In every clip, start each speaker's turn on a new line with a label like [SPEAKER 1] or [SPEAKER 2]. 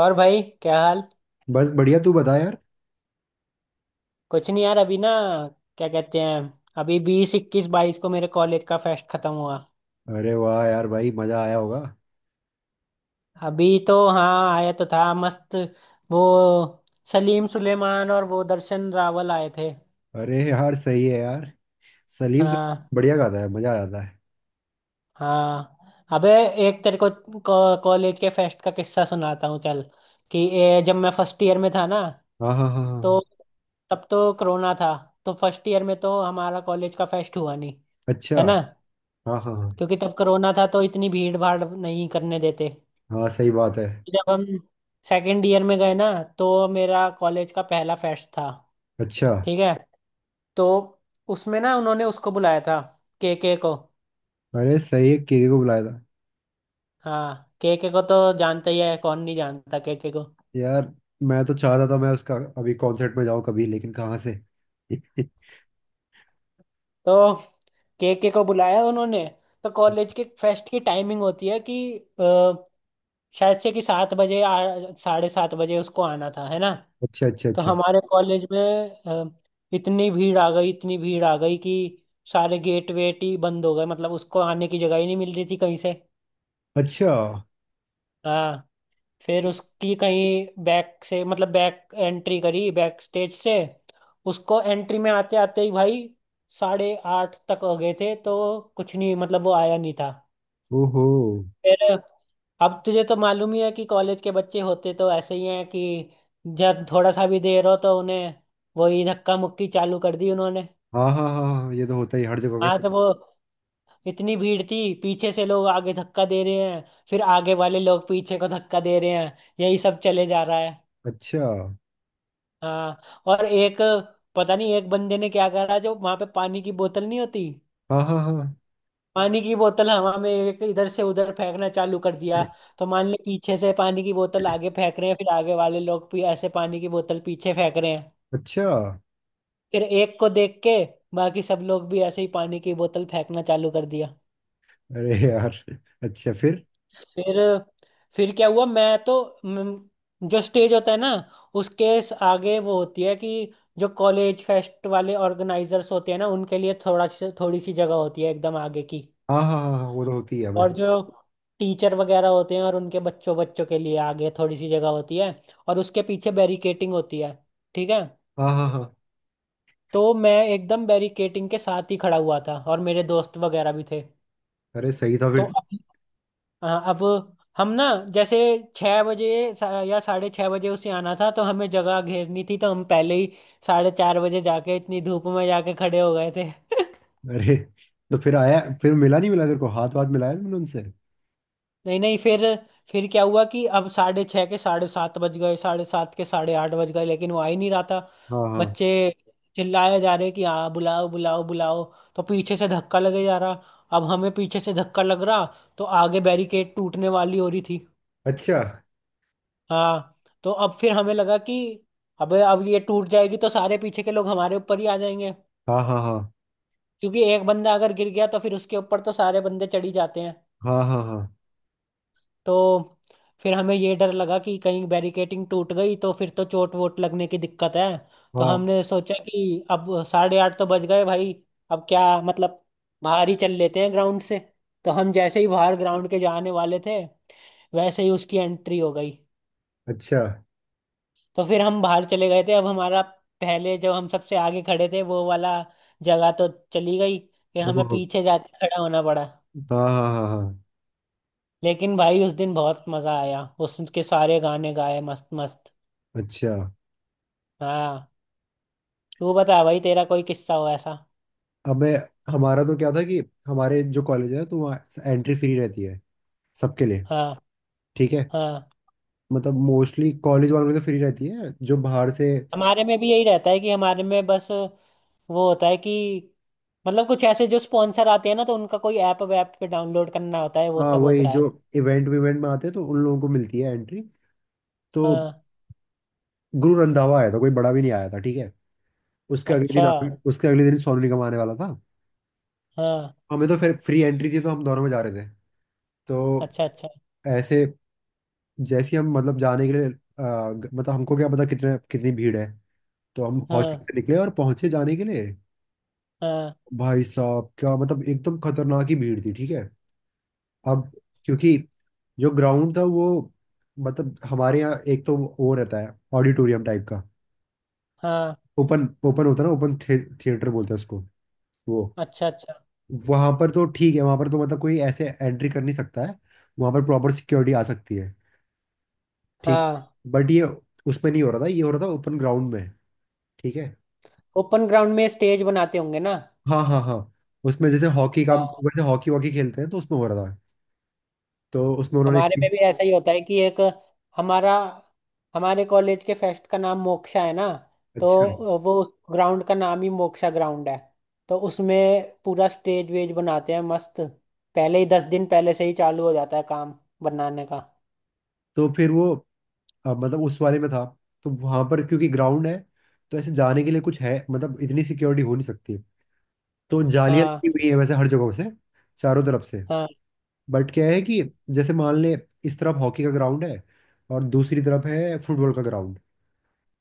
[SPEAKER 1] और भाई, क्या हाल?
[SPEAKER 2] बस बढ़िया। तू बता यार।
[SPEAKER 1] कुछ नहीं यार, अभी ना क्या कहते हैं, अभी 20, 21, 22 को मेरे कॉलेज का फेस्ट खत्म हुआ।
[SPEAKER 2] अरे वाह यार, भाई मजा आया होगा।
[SPEAKER 1] अभी तो हाँ, आया तो था मस्त। वो सलीम सुलेमान और वो दर्शन रावल आए थे।
[SPEAKER 2] अरे यार, सही है यार। सलीम से।
[SPEAKER 1] हाँ।
[SPEAKER 2] बढ़िया गाता है, मजा आ जाता है।
[SPEAKER 1] हाँ। अबे, एक तेरे को कॉलेज के फेस्ट का किस्सा सुनाता हूँ, चल। कि जब मैं फर्स्ट ईयर में था ना,
[SPEAKER 2] हाँ हाँ हाँ हाँ
[SPEAKER 1] तो
[SPEAKER 2] हाँ।
[SPEAKER 1] तब तो कोरोना था। तो फर्स्ट ईयर में तो हमारा कॉलेज का फेस्ट हुआ नहीं,
[SPEAKER 2] अच्छा।
[SPEAKER 1] है ना,
[SPEAKER 2] हाँ हाँ हाँ
[SPEAKER 1] क्योंकि तब कोरोना था तो इतनी भीड़ भाड़ नहीं करने देते।
[SPEAKER 2] हाँ। सही बात है।
[SPEAKER 1] जब हम सेकेंड ईयर में गए ना, तो मेरा कॉलेज का पहला फेस्ट था।
[SPEAKER 2] अच्छा।
[SPEAKER 1] ठीक है। तो उसमें ना उन्होंने उसको बुलाया था, केके को।
[SPEAKER 2] अरे सही है, केके को बुलाया था।
[SPEAKER 1] हाँ, केके को तो जानता ही है, कौन नहीं जानता केके को।
[SPEAKER 2] यार, मैं तो चाहता था मैं उसका अभी कॉन्सर्ट में जाऊँ कभी, लेकिन कहाँ से।
[SPEAKER 1] तो केके को बुलाया उन्होंने। तो कॉलेज के फेस्ट की टाइमिंग होती है कि शायद से कि 7 बजे साढ़े 7 बजे उसको आना था, है ना।
[SPEAKER 2] अच्छा अच्छा
[SPEAKER 1] तो
[SPEAKER 2] अच्छा।
[SPEAKER 1] हमारे कॉलेज में अ, इतनी भीड़ आ गई, इतनी भीड़ आ गई कि सारे गेट वेट ही बंद हो गए, मतलब उसको आने की जगह ही नहीं मिल रही थी कहीं से।
[SPEAKER 2] अच्छा।
[SPEAKER 1] हाँ। फिर उसकी कहीं बैक से मतलब बैक एंट्री करी, बैक स्टेज से। उसको एंट्री में आते आते ही भाई साढ़े 8 तक हो गए थे, तो कुछ नहीं, मतलब वो आया नहीं था।
[SPEAKER 2] ओहो।
[SPEAKER 1] फिर अब तुझे तो मालूम ही है कि कॉलेज के बच्चे होते तो ऐसे ही हैं कि जब थोड़ा सा भी देर हो तो उन्हें वही धक्का मुक्की चालू कर दी उन्होंने।
[SPEAKER 2] हाँ हाँ हाँ हाँ, ये तो होता ही हर जगह का
[SPEAKER 1] हाँ तो
[SPEAKER 2] सीन।
[SPEAKER 1] वो इतनी भीड़ थी, पीछे से लोग आगे धक्का दे रहे हैं, फिर आगे वाले लोग पीछे को धक्का दे रहे हैं, यही सब चले जा रहा है।
[SPEAKER 2] अच्छा।
[SPEAKER 1] हाँ, और एक, पता नहीं एक बंदे ने क्या करा, जो वहां पे पानी की बोतल नहीं होती,
[SPEAKER 2] हाँ हाँ हाँ।
[SPEAKER 1] पानी की बोतल हवा में एक इधर से उधर फेंकना चालू कर दिया। तो मान ले पीछे से पानी की बोतल आगे फेंक रहे हैं, फिर आगे वाले लोग भी ऐसे पानी की बोतल पीछे फेंक रहे हैं।
[SPEAKER 2] अच्छा।
[SPEAKER 1] फिर एक को देख के बाकी सब लोग भी ऐसे ही पानी की बोतल फेंकना चालू कर दिया।
[SPEAKER 2] अरे यार। अच्छा, फिर?
[SPEAKER 1] फिर फिर क्या हुआ, मैं तो जो स्टेज होता है ना, उसके आगे वो होती है कि जो कॉलेज फेस्ट वाले ऑर्गेनाइजर्स होते हैं ना, उनके लिए थोड़ी सी जगह होती है एकदम आगे की।
[SPEAKER 2] हाँ हाँ हाँ हाँ, वो तो होती है
[SPEAKER 1] और
[SPEAKER 2] वैसे।
[SPEAKER 1] जो टीचर वगैरह होते हैं और उनके बच्चों बच्चों के लिए आगे थोड़ी सी जगह होती है, और उसके पीछे बैरिकेटिंग होती है। ठीक है।
[SPEAKER 2] हाँ हाँ हाँ।
[SPEAKER 1] तो मैं एकदम बैरिकेटिंग के साथ ही खड़ा हुआ था, और मेरे दोस्त वगैरह भी थे।
[SPEAKER 2] अरे सही था
[SPEAKER 1] तो
[SPEAKER 2] फिर तो।
[SPEAKER 1] अब हाँ, अब हम ना जैसे 6 बजे, या साढ़े 6 बजे उसे आना था, तो हमें जगह घेरनी थी, तो हम पहले ही साढ़े 4 बजे जाके इतनी धूप में जाके खड़े हो गए थे।
[SPEAKER 2] अरे। तो फिर आया? फिर मिला नहीं मिला? तेरे को हाथ वाथ मिलाया तुमने उनसे?
[SPEAKER 1] नहीं नहीं, फिर फिर क्या हुआ कि अब साढ़े 6 के साढ़े 7 बज गए, साढ़े 7 के साढ़े 8 बज गए, लेकिन वो आ ही नहीं रहा था।
[SPEAKER 2] हाँ हाँ।
[SPEAKER 1] बच्चे चिल्लाए जा रहे कि हाँ, बुलाओ बुलाओ बुलाओ। तो पीछे से धक्का लगे जा रहा। अब हमें पीछे से धक्का लग रहा, तो आगे बैरिकेड टूटने वाली हो रही थी।
[SPEAKER 2] अच्छा।
[SPEAKER 1] हाँ। तो अब फिर हमें लगा कि अबे, अब ये टूट जाएगी तो सारे पीछे के लोग हमारे ऊपर ही आ जाएंगे,
[SPEAKER 2] हाँ हाँ हाँ
[SPEAKER 1] क्योंकि एक बंदा अगर गिर गया तो फिर उसके ऊपर तो सारे बंदे चढ़ ही जाते हैं।
[SPEAKER 2] हाँ। हाँ हाँ
[SPEAKER 1] तो फिर हमें ये डर लगा कि कहीं बैरिकेटिंग टूट गई तो फिर तो चोट वोट लगने की दिक्कत है। तो
[SPEAKER 2] हाँ।
[SPEAKER 1] हमने सोचा कि अब साढ़े 8 तो बज गए भाई, अब क्या मतलब, बाहर ही चल लेते हैं ग्राउंड से। तो हम जैसे ही बाहर ग्राउंड के जाने वाले थे, वैसे ही उसकी एंट्री हो गई।
[SPEAKER 2] अच्छा।
[SPEAKER 1] तो फिर हम बाहर चले गए थे। अब हमारा पहले जो हम सबसे आगे खड़े थे वो वाला जगह तो चली गई, फिर हमें
[SPEAKER 2] ओह,
[SPEAKER 1] पीछे जाके खड़ा होना पड़ा।
[SPEAKER 2] हाँ हाँ हाँ हाँ।
[SPEAKER 1] लेकिन भाई उस दिन बहुत मजा आया, उसके सारे गाने गाए मस्त मस्त।
[SPEAKER 2] अच्छा।
[SPEAKER 1] हाँ। तू बता भाई, तेरा कोई किस्सा हो ऐसा?
[SPEAKER 2] अब मैं हमारा तो क्या था कि हमारे जो कॉलेज है तो वहाँ एंट्री फ्री रहती है, सबके लिए।
[SPEAKER 1] हाँ।
[SPEAKER 2] ठीक है।
[SPEAKER 1] हाँ।
[SPEAKER 2] मतलब मोस्टली कॉलेज वालों की तो फ्री रहती है, जो बाहर से।
[SPEAKER 1] हमारे में भी यही रहता है कि हमारे में बस वो होता है कि मतलब कुछ ऐसे जो स्पॉन्सर आते हैं ना, तो उनका कोई ऐप वैप पे डाउनलोड करना होता है, वो
[SPEAKER 2] हाँ,
[SPEAKER 1] सब
[SPEAKER 2] वही
[SPEAKER 1] होता
[SPEAKER 2] जो
[SPEAKER 1] है।
[SPEAKER 2] इवेंट विवेंट में आते हैं तो उन लोगों को मिलती है एंट्री। तो
[SPEAKER 1] हाँ।
[SPEAKER 2] गुरु रंधावा आया था, कोई बड़ा भी नहीं आया था, ठीक है।
[SPEAKER 1] अच्छा।
[SPEAKER 2] उसके अगले दिन सोनू निगम आने वाला था।
[SPEAKER 1] हाँ।
[SPEAKER 2] हमें तो फिर फ्री एंट्री थी तो हम दोनों में जा रहे थे। तो
[SPEAKER 1] अच्छा अच्छा।
[SPEAKER 2] ऐसे, जैसे ही हम, मतलब जाने के लिए, अ, मतलब हमको क्या पता कितने कितनी भीड़ है। तो हम हॉस्टल
[SPEAKER 1] हाँ
[SPEAKER 2] से निकले और पहुंचे जाने के लिए।
[SPEAKER 1] हाँ
[SPEAKER 2] भाई साहब, क्या मतलब एकदम खतरनाक ही भीड़ थी, ठीक है। अब क्योंकि जो ग्राउंड था वो, मतलब हमारे यहाँ एक तो वो रहता है ऑडिटोरियम टाइप का।
[SPEAKER 1] हाँ।
[SPEAKER 2] ओपन ओपन होता है ना, ओपन थिएटर बोलते हैं उसको। वो
[SPEAKER 1] अच्छा अच्छा।
[SPEAKER 2] वहां पर तो ठीक है, वहां पर तो मतलब कोई ऐसे एंट्री कर नहीं सकता है। वहां पर प्रॉपर सिक्योरिटी आ सकती है। ठीक।
[SPEAKER 1] हाँ।
[SPEAKER 2] बट ये उसमें नहीं हो रहा था, ये हो रहा था ओपन ग्राउंड में, ठीक है।
[SPEAKER 1] ओपन ग्राउंड में स्टेज बनाते होंगे ना।
[SPEAKER 2] हाँ हाँ हाँ। उसमें जैसे हॉकी का,
[SPEAKER 1] हाँ।
[SPEAKER 2] वैसे हॉकी वॉकी खेलते हैं तो उसमें हो रहा था। तो उसमें उन्होंने
[SPEAKER 1] हमारे में भी ऐसा ही होता है कि एक हमारा, हमारे कॉलेज के फेस्ट का नाम मोक्षा है ना, तो
[SPEAKER 2] अच्छा।
[SPEAKER 1] वो ग्राउंड का नाम ही मोक्षा ग्राउंड है। तो उसमें पूरा स्टेज वेज बनाते हैं मस्त। पहले ही 10 दिन पहले से ही चालू हो जाता है काम बनाने का।
[SPEAKER 2] तो फिर वो, मतलब उस वाले में था। तो वहां पर क्योंकि ग्राउंड है, तो ऐसे जाने के लिए कुछ है मतलब, इतनी सिक्योरिटी हो नहीं सकती। तो जालियां
[SPEAKER 1] हाँ
[SPEAKER 2] लगी हुई है वैसे हर जगह से, चारों तरफ से।
[SPEAKER 1] हाँ
[SPEAKER 2] बट क्या है कि जैसे मान ले, इस तरफ हॉकी का ग्राउंड है और दूसरी तरफ है फुटबॉल का ग्राउंड।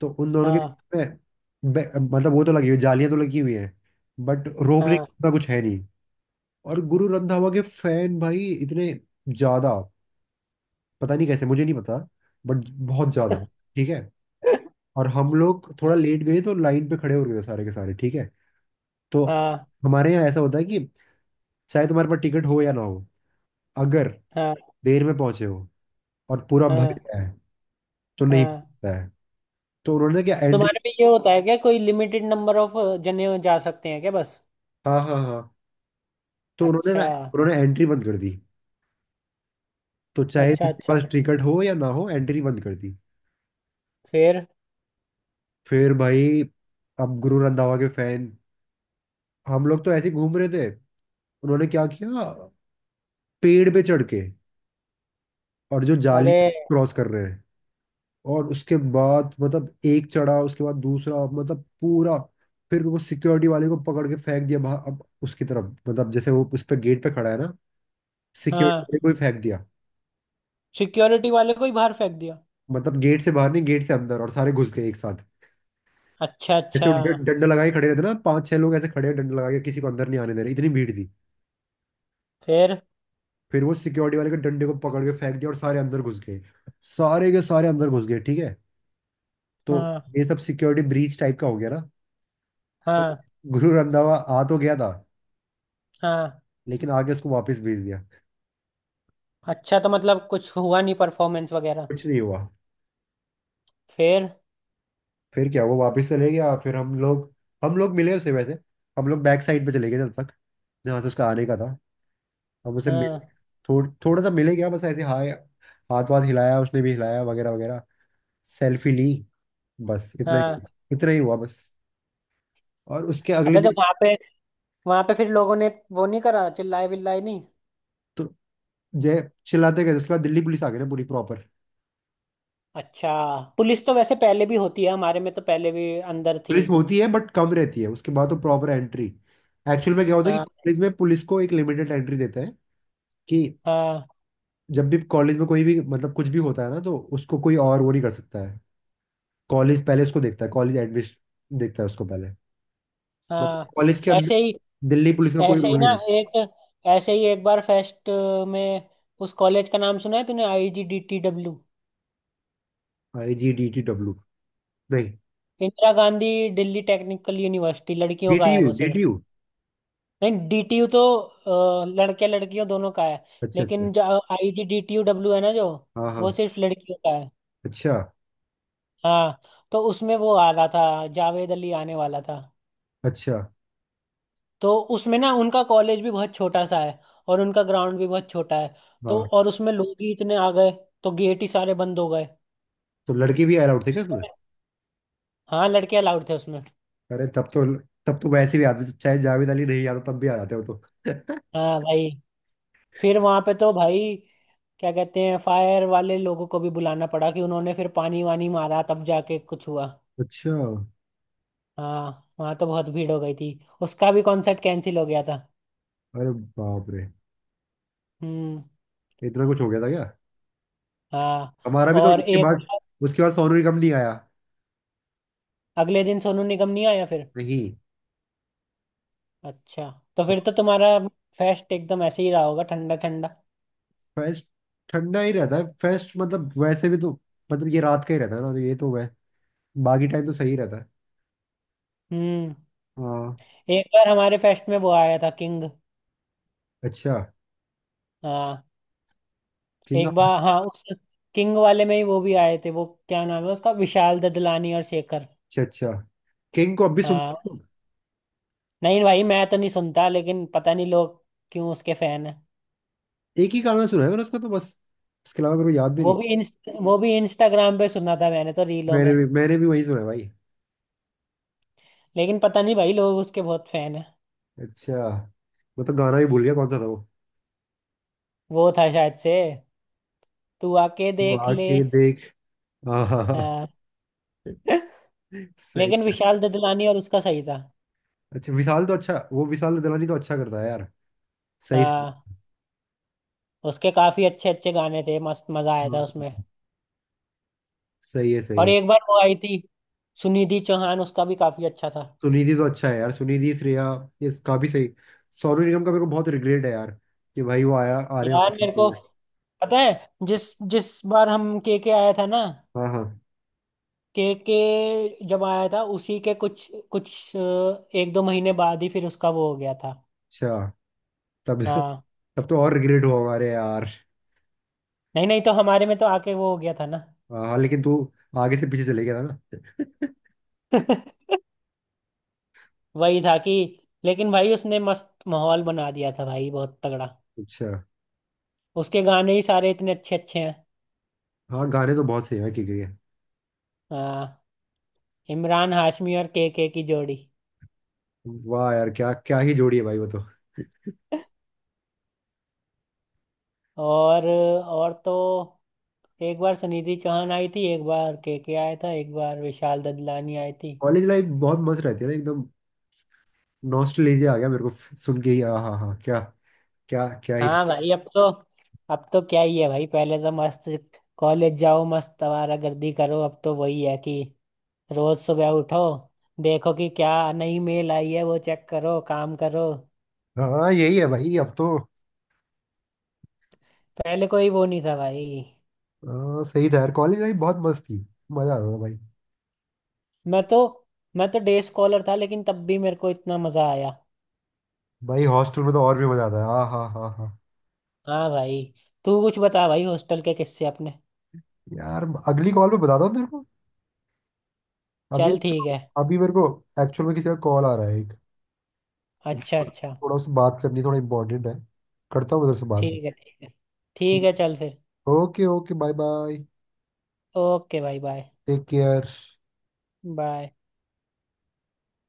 [SPEAKER 2] तो उन दोनों के बीच
[SPEAKER 1] हाँ
[SPEAKER 2] में मतलब वो तो लगी हुई, जालियां तो लगी हुई हैं, बट रोकने
[SPEAKER 1] हाँ।
[SPEAKER 2] का कुछ है नहीं। और गुरु रंधावा के फैन भाई, इतने ज्यादा पता नहीं कैसे, मुझे नहीं पता, बट बहुत ज्यादा, ठीक है। और हम लोग थोड़ा लेट गए तो लाइन पे खड़े हो गए थे सारे के सारे, ठीक है। तो
[SPEAKER 1] हाँ
[SPEAKER 2] हमारे यहाँ ऐसा होता है कि चाहे तुम्हारे पास टिकट हो या ना हो, अगर
[SPEAKER 1] हाँ
[SPEAKER 2] देर में पहुंचे हो और पूरा भर
[SPEAKER 1] हाँ
[SPEAKER 2] गया है, तो नहीं
[SPEAKER 1] हाँ।
[SPEAKER 2] मिलता है। तो उन्होंने क्या एंट्री।
[SPEAKER 1] तुम्हारे में ये होता है क्या, कोई लिमिटेड नंबर ऑफ जने जा सकते हैं क्या बस?
[SPEAKER 2] हाँ हाँ हाँ। तो उन्होंने
[SPEAKER 1] अच्छा।
[SPEAKER 2] ना, उन्होंने एंट्री बंद कर दी। तो चाहे
[SPEAKER 1] अच्छा।
[SPEAKER 2] जिसके
[SPEAKER 1] अच्छा।
[SPEAKER 2] पास टिकट हो या ना हो, एंट्री बंद रंधावा कर दी।
[SPEAKER 1] फिर?
[SPEAKER 2] फिर भाई, अब गुरु रंधावा के फैन, हम लोग तो ऐसे ही घूम रहे थे, उन्होंने क्या किया, पेड़ पे चढ़ के और जो जाली
[SPEAKER 1] अरे!
[SPEAKER 2] क्रॉस कर रहे हैं। और उसके बाद मतलब एक चढ़ा, उसके बाद दूसरा, मतलब पूरा। फिर वो सिक्योरिटी वाले को पकड़ के फेंक दिया बाहर। अब उसकी तरफ मतलब जैसे वो उस पे गेट पे खड़ा है ना, सिक्योरिटी
[SPEAKER 1] हाँ,
[SPEAKER 2] वाले को ही फेंक दिया।
[SPEAKER 1] सिक्योरिटी वाले को ही बाहर फेंक दिया।
[SPEAKER 2] मतलब गेट से बाहर नहीं, गेट से अंदर, और सारे घुस गए एक साथ।
[SPEAKER 1] अच्छा अच्छा।
[SPEAKER 2] ऐसे वो डंडा लगा के खड़े रहते ना, पांच छह लोग ऐसे खड़े हैं डंडा लगा के, किसी को अंदर नहीं आने दे रहे, इतनी भीड़ थी।
[SPEAKER 1] फिर?
[SPEAKER 2] फिर वो सिक्योरिटी वाले के डंडे को पकड़ के फेंक दिया और सारे अंदर घुस गए। सारे के सारे अंदर घुस गए, ठीक है। तो
[SPEAKER 1] हाँ
[SPEAKER 2] ये सब सिक्योरिटी ब्रीच टाइप का हो गया ना। तो
[SPEAKER 1] हाँ
[SPEAKER 2] गुरु रंधावा आ तो गया था,
[SPEAKER 1] हाँ।
[SPEAKER 2] लेकिन आगे उसको वापस भेज दिया।
[SPEAKER 1] अच्छा, तो मतलब कुछ हुआ नहीं परफॉर्मेंस वगैरह।
[SPEAKER 2] कुछ नहीं हुआ।
[SPEAKER 1] फिर?
[SPEAKER 2] फिर क्या, वो वापस चले गया। फिर हम लोग, हम लोग मिले उसे वैसे। हम लोग बैक साइड पे चले गए, जब तक जहाँ से उसका आने का था। अब उसे मिले,
[SPEAKER 1] हाँ।
[SPEAKER 2] थोड़ा सा मिले क्या, बस ऐसे हाय, हाथ वाथ हिलाया, उसने भी हिलाया वगैरह वगैरह, सेल्फी ली, बस इतना ही।
[SPEAKER 1] हाँ।
[SPEAKER 2] इतना ही हुआ बस। और उसके अगले
[SPEAKER 1] अबे, तो
[SPEAKER 2] दिन,
[SPEAKER 1] वहां पे फिर लोगों ने वो नहीं करा, चिल्लाए बिल्लाए नहीं?
[SPEAKER 2] तो जय चिल्लाते गए, उसके बाद दिल्ली पुलिस आ गई ना, पूरी प्रॉपर।
[SPEAKER 1] अच्छा। पुलिस तो वैसे पहले भी होती है, हमारे में तो पहले भी अंदर थी।
[SPEAKER 2] पुलिस होती है बट कम रहती है, उसके बाद तो प्रॉपर एंट्री। एक्चुअल में क्या होता है कि
[SPEAKER 1] हाँ
[SPEAKER 2] कॉलेज में पुलिस को एक लिमिटेड एंट्री देते हैं कि
[SPEAKER 1] हाँ
[SPEAKER 2] जब भी कॉलेज में कोई भी मतलब कुछ भी होता है ना, तो उसको कोई और वो नहीं कर सकता है। कॉलेज पहले उसको देखता है, कॉलेज एडमिशन देखता है उसको पहले। मतलब
[SPEAKER 1] हाँ।
[SPEAKER 2] कॉलेज के
[SPEAKER 1] ऐसे
[SPEAKER 2] अंदर
[SPEAKER 1] ही,
[SPEAKER 2] दिल्ली पुलिस का कोई
[SPEAKER 1] ऐसे
[SPEAKER 2] रोल
[SPEAKER 1] ही
[SPEAKER 2] नहीं।
[SPEAKER 1] ना, एक, ऐसे ही एक बार फेस्ट में, उस कॉलेज का नाम सुना है तूने, IGDTW?
[SPEAKER 2] आई जी डी टी डब्ल्यू। नहीं।
[SPEAKER 1] इंदिरा गांधी दिल्ली टेक्निकल यूनिवर्सिटी, लड़कियों
[SPEAKER 2] डी
[SPEAKER 1] का
[SPEAKER 2] टी
[SPEAKER 1] है
[SPEAKER 2] यू
[SPEAKER 1] वो
[SPEAKER 2] डी टी
[SPEAKER 1] सिर्फ।
[SPEAKER 2] यू।
[SPEAKER 1] नहीं, DTU तो लड़के लड़कियों दोनों का है।
[SPEAKER 2] अच्छा अच्छा।
[SPEAKER 1] लेकिन जो IGDTUW है ना, जो,
[SPEAKER 2] हाँ
[SPEAKER 1] वो
[SPEAKER 2] हाँ।
[SPEAKER 1] सिर्फ लड़कियों का है।
[SPEAKER 2] अच्छा
[SPEAKER 1] हाँ। तो उसमें वो आ रहा था, जावेद अली आने वाला था।
[SPEAKER 2] अच्छा।
[SPEAKER 1] तो उसमें ना उनका कॉलेज भी बहुत छोटा सा है और उनका ग्राउंड भी बहुत छोटा है। तो
[SPEAKER 2] हाँ।
[SPEAKER 1] और उसमें लोग ही इतने आ गए तो गेट ही सारे बंद हो गए।
[SPEAKER 2] तो लड़के भी अलाउड थे क्या उसमें?
[SPEAKER 1] हाँ, लड़के अलाउड थे उसमें।
[SPEAKER 2] अरे तब तो, तब तो वैसे भी आते, चाहे जावेद अली नहीं आता तब भी आ जाते हो तो।
[SPEAKER 1] हाँ भाई, फिर वहां पे तो भाई क्या कहते हैं, फायर वाले लोगों को भी बुलाना पड़ा कि उन्होंने फिर पानी वानी मारा, तब जाके कुछ हुआ।
[SPEAKER 2] अच्छा।
[SPEAKER 1] हाँ, वहां तो बहुत भीड़ हो गई थी। उसका भी कॉन्सर्ट कैंसिल हो गया था।
[SPEAKER 2] अरे बाप रे,
[SPEAKER 1] हम्म।
[SPEAKER 2] इतना कुछ हो गया था क्या?
[SPEAKER 1] हाँ,
[SPEAKER 2] हमारा भी तो
[SPEAKER 1] और एक
[SPEAKER 2] उसके बाद सोनू निगम नहीं आया।
[SPEAKER 1] अगले दिन सोनू निगम नहीं आया फिर?
[SPEAKER 2] नहीं।
[SPEAKER 1] अच्छा। तो फिर तो तुम्हारा फेस्ट एकदम ऐसे ही रहा होगा, ठंडा ठंडा।
[SPEAKER 2] फेस्ट ठंडा ही रहता है फेस्ट, मतलब वैसे भी तो, मतलब ये रात का ही रहता है ना, तो ये तो वै बाकी टाइम तो सही रहता है।
[SPEAKER 1] हम्म।
[SPEAKER 2] हाँ।
[SPEAKER 1] एक बार हमारे फेस्ट में वो आया था, किंग।
[SPEAKER 2] अच्छा।
[SPEAKER 1] हाँ।
[SPEAKER 2] किंग।
[SPEAKER 1] एक बार, हाँ, उस किंग वाले में ही वो भी आए थे, वो क्या नाम है उसका, विशाल ददलानी और शेखर।
[SPEAKER 2] अच्छा अच्छा। किंग को अब भी सुन?
[SPEAKER 1] हाँ। नहीं भाई, मैं तो नहीं सुनता, लेकिन पता नहीं लोग क्यों उसके फैन है।
[SPEAKER 2] एक ही गाना सुना है मैंने उसका, तो बस। उसके अलावा मेरे को याद भी नहीं है।
[SPEAKER 1] वो भी इंस्टाग्राम पे सुना था मैंने तो, रीलों
[SPEAKER 2] मैंने
[SPEAKER 1] में।
[SPEAKER 2] भी मैंने भी वही सुना है भाई।
[SPEAKER 1] लेकिन पता नहीं भाई लोग उसके बहुत फैन है।
[SPEAKER 2] अच्छा। मैं तो गाना भी भूल गया, कौन सा था वो।
[SPEAKER 1] वो था शायद से तू आके
[SPEAKER 2] वो
[SPEAKER 1] देख ले।
[SPEAKER 2] आके देख, हाँ हाँ हाँ,
[SPEAKER 1] हाँ।
[SPEAKER 2] सही
[SPEAKER 1] लेकिन
[SPEAKER 2] है।
[SPEAKER 1] विशाल ददलानी और उसका सही था।
[SPEAKER 2] अच्छा विशाल तो अच्छा, वो विशाल दलानी तो अच्छा करता है यार। सही सही।
[SPEAKER 1] हाँ, उसके काफी अच्छे अच्छे गाने थे, मस्त मजा आया था उसमें।
[SPEAKER 2] हाँ, सही है सही
[SPEAKER 1] और
[SPEAKER 2] है।
[SPEAKER 1] एक बार वो आई थी सुनिधि चौहान, उसका भी काफी अच्छा था।
[SPEAKER 2] सुनिधि तो अच्छा है यार, सुनिधि श्रेया, इसका भी सही। सोनू निगम का मेरे को बहुत रिग्रेट है यार, कि भाई वो आया आने
[SPEAKER 1] यार
[SPEAKER 2] वाला
[SPEAKER 1] मेरे को
[SPEAKER 2] था।
[SPEAKER 1] पता है, जिस जिस बार हम के आया था ना,
[SPEAKER 2] हाँ हाँ।
[SPEAKER 1] के जब आया था, उसी के कुछ कुछ 1-2 महीने बाद ही फिर उसका वो हो गया था।
[SPEAKER 2] अच्छा। तब
[SPEAKER 1] हाँ।
[SPEAKER 2] तब तो और रिग्रेट हुआ हमारे यार।
[SPEAKER 1] नहीं नहीं, तो हमारे में तो आके वो हो गया था ना।
[SPEAKER 2] हाँ हाँ, लेकिन तू आगे से पीछे चले गया था ना।
[SPEAKER 1] वही था कि, लेकिन भाई उसने मस्त माहौल बना दिया था भाई, बहुत तगड़ा।
[SPEAKER 2] अच्छा।
[SPEAKER 1] उसके गाने ही सारे इतने अच्छे अच्छे हैं।
[SPEAKER 2] हाँ, गाने तो बहुत सही है के के।
[SPEAKER 1] हाँ। इमरान हाशमी और के की जोड़ी।
[SPEAKER 2] वाह यार, क्या क्या ही जोड़ी है भाई वो तो।
[SPEAKER 1] और तो एक बार सुनिधि चौहान आई थी, एक बार के आया था, एक बार विशाल ददलानी आई थी।
[SPEAKER 2] कॉलेज लाइफ बहुत मस्त रहती है ना एकदम। नॉस्टैल्जिया आ गया मेरे को सुन के ही। हाँ हाँ हाँ, क्या, क्या क्या ही।
[SPEAKER 1] हाँ भाई, अब तो, अब तो क्या ही है भाई, पहले तो मस्त कॉलेज जाओ, मस्त आवारा गर्दी करो, अब तो वही है कि रोज सुबह उठो, देखो कि क्या नई मेल आई है, वो चेक करो, काम करो,
[SPEAKER 2] हाँ, यही है भाई अब तो।
[SPEAKER 1] पहले कोई वो नहीं था भाई।
[SPEAKER 2] हाँ, सही था यार, कॉलेज लाइफ बहुत मस्त थी। मजा आता था भाई।
[SPEAKER 1] मैं तो मैं तो डे स्कॉलर था, लेकिन तब भी मेरे को इतना मजा आया।
[SPEAKER 2] भाई हॉस्टल में तो और भी मजा आता है, हाँ हाँ हाँ हाँ।
[SPEAKER 1] हाँ भाई, तू कुछ बता भाई हॉस्टल के किस्से अपने।
[SPEAKER 2] यार अगली कॉल पे बताता हूँ तेरे को। अभी,
[SPEAKER 1] चल ठीक है।
[SPEAKER 2] अभी मेरे को, एक्चुअल में किसी का कॉल आ रहा है एक, तो
[SPEAKER 1] अच्छा अच्छा।
[SPEAKER 2] थोड़ा उससे बात करनी, थोड़ा इंपॉर्टेंट है, करता हूँ उधर से बात।
[SPEAKER 1] ठीक है ठीक है। ठीक है, चल फिर।
[SPEAKER 2] Okay okay, bye bye.
[SPEAKER 1] Okay भाई, बाय
[SPEAKER 2] टेक केयर।
[SPEAKER 1] बाय।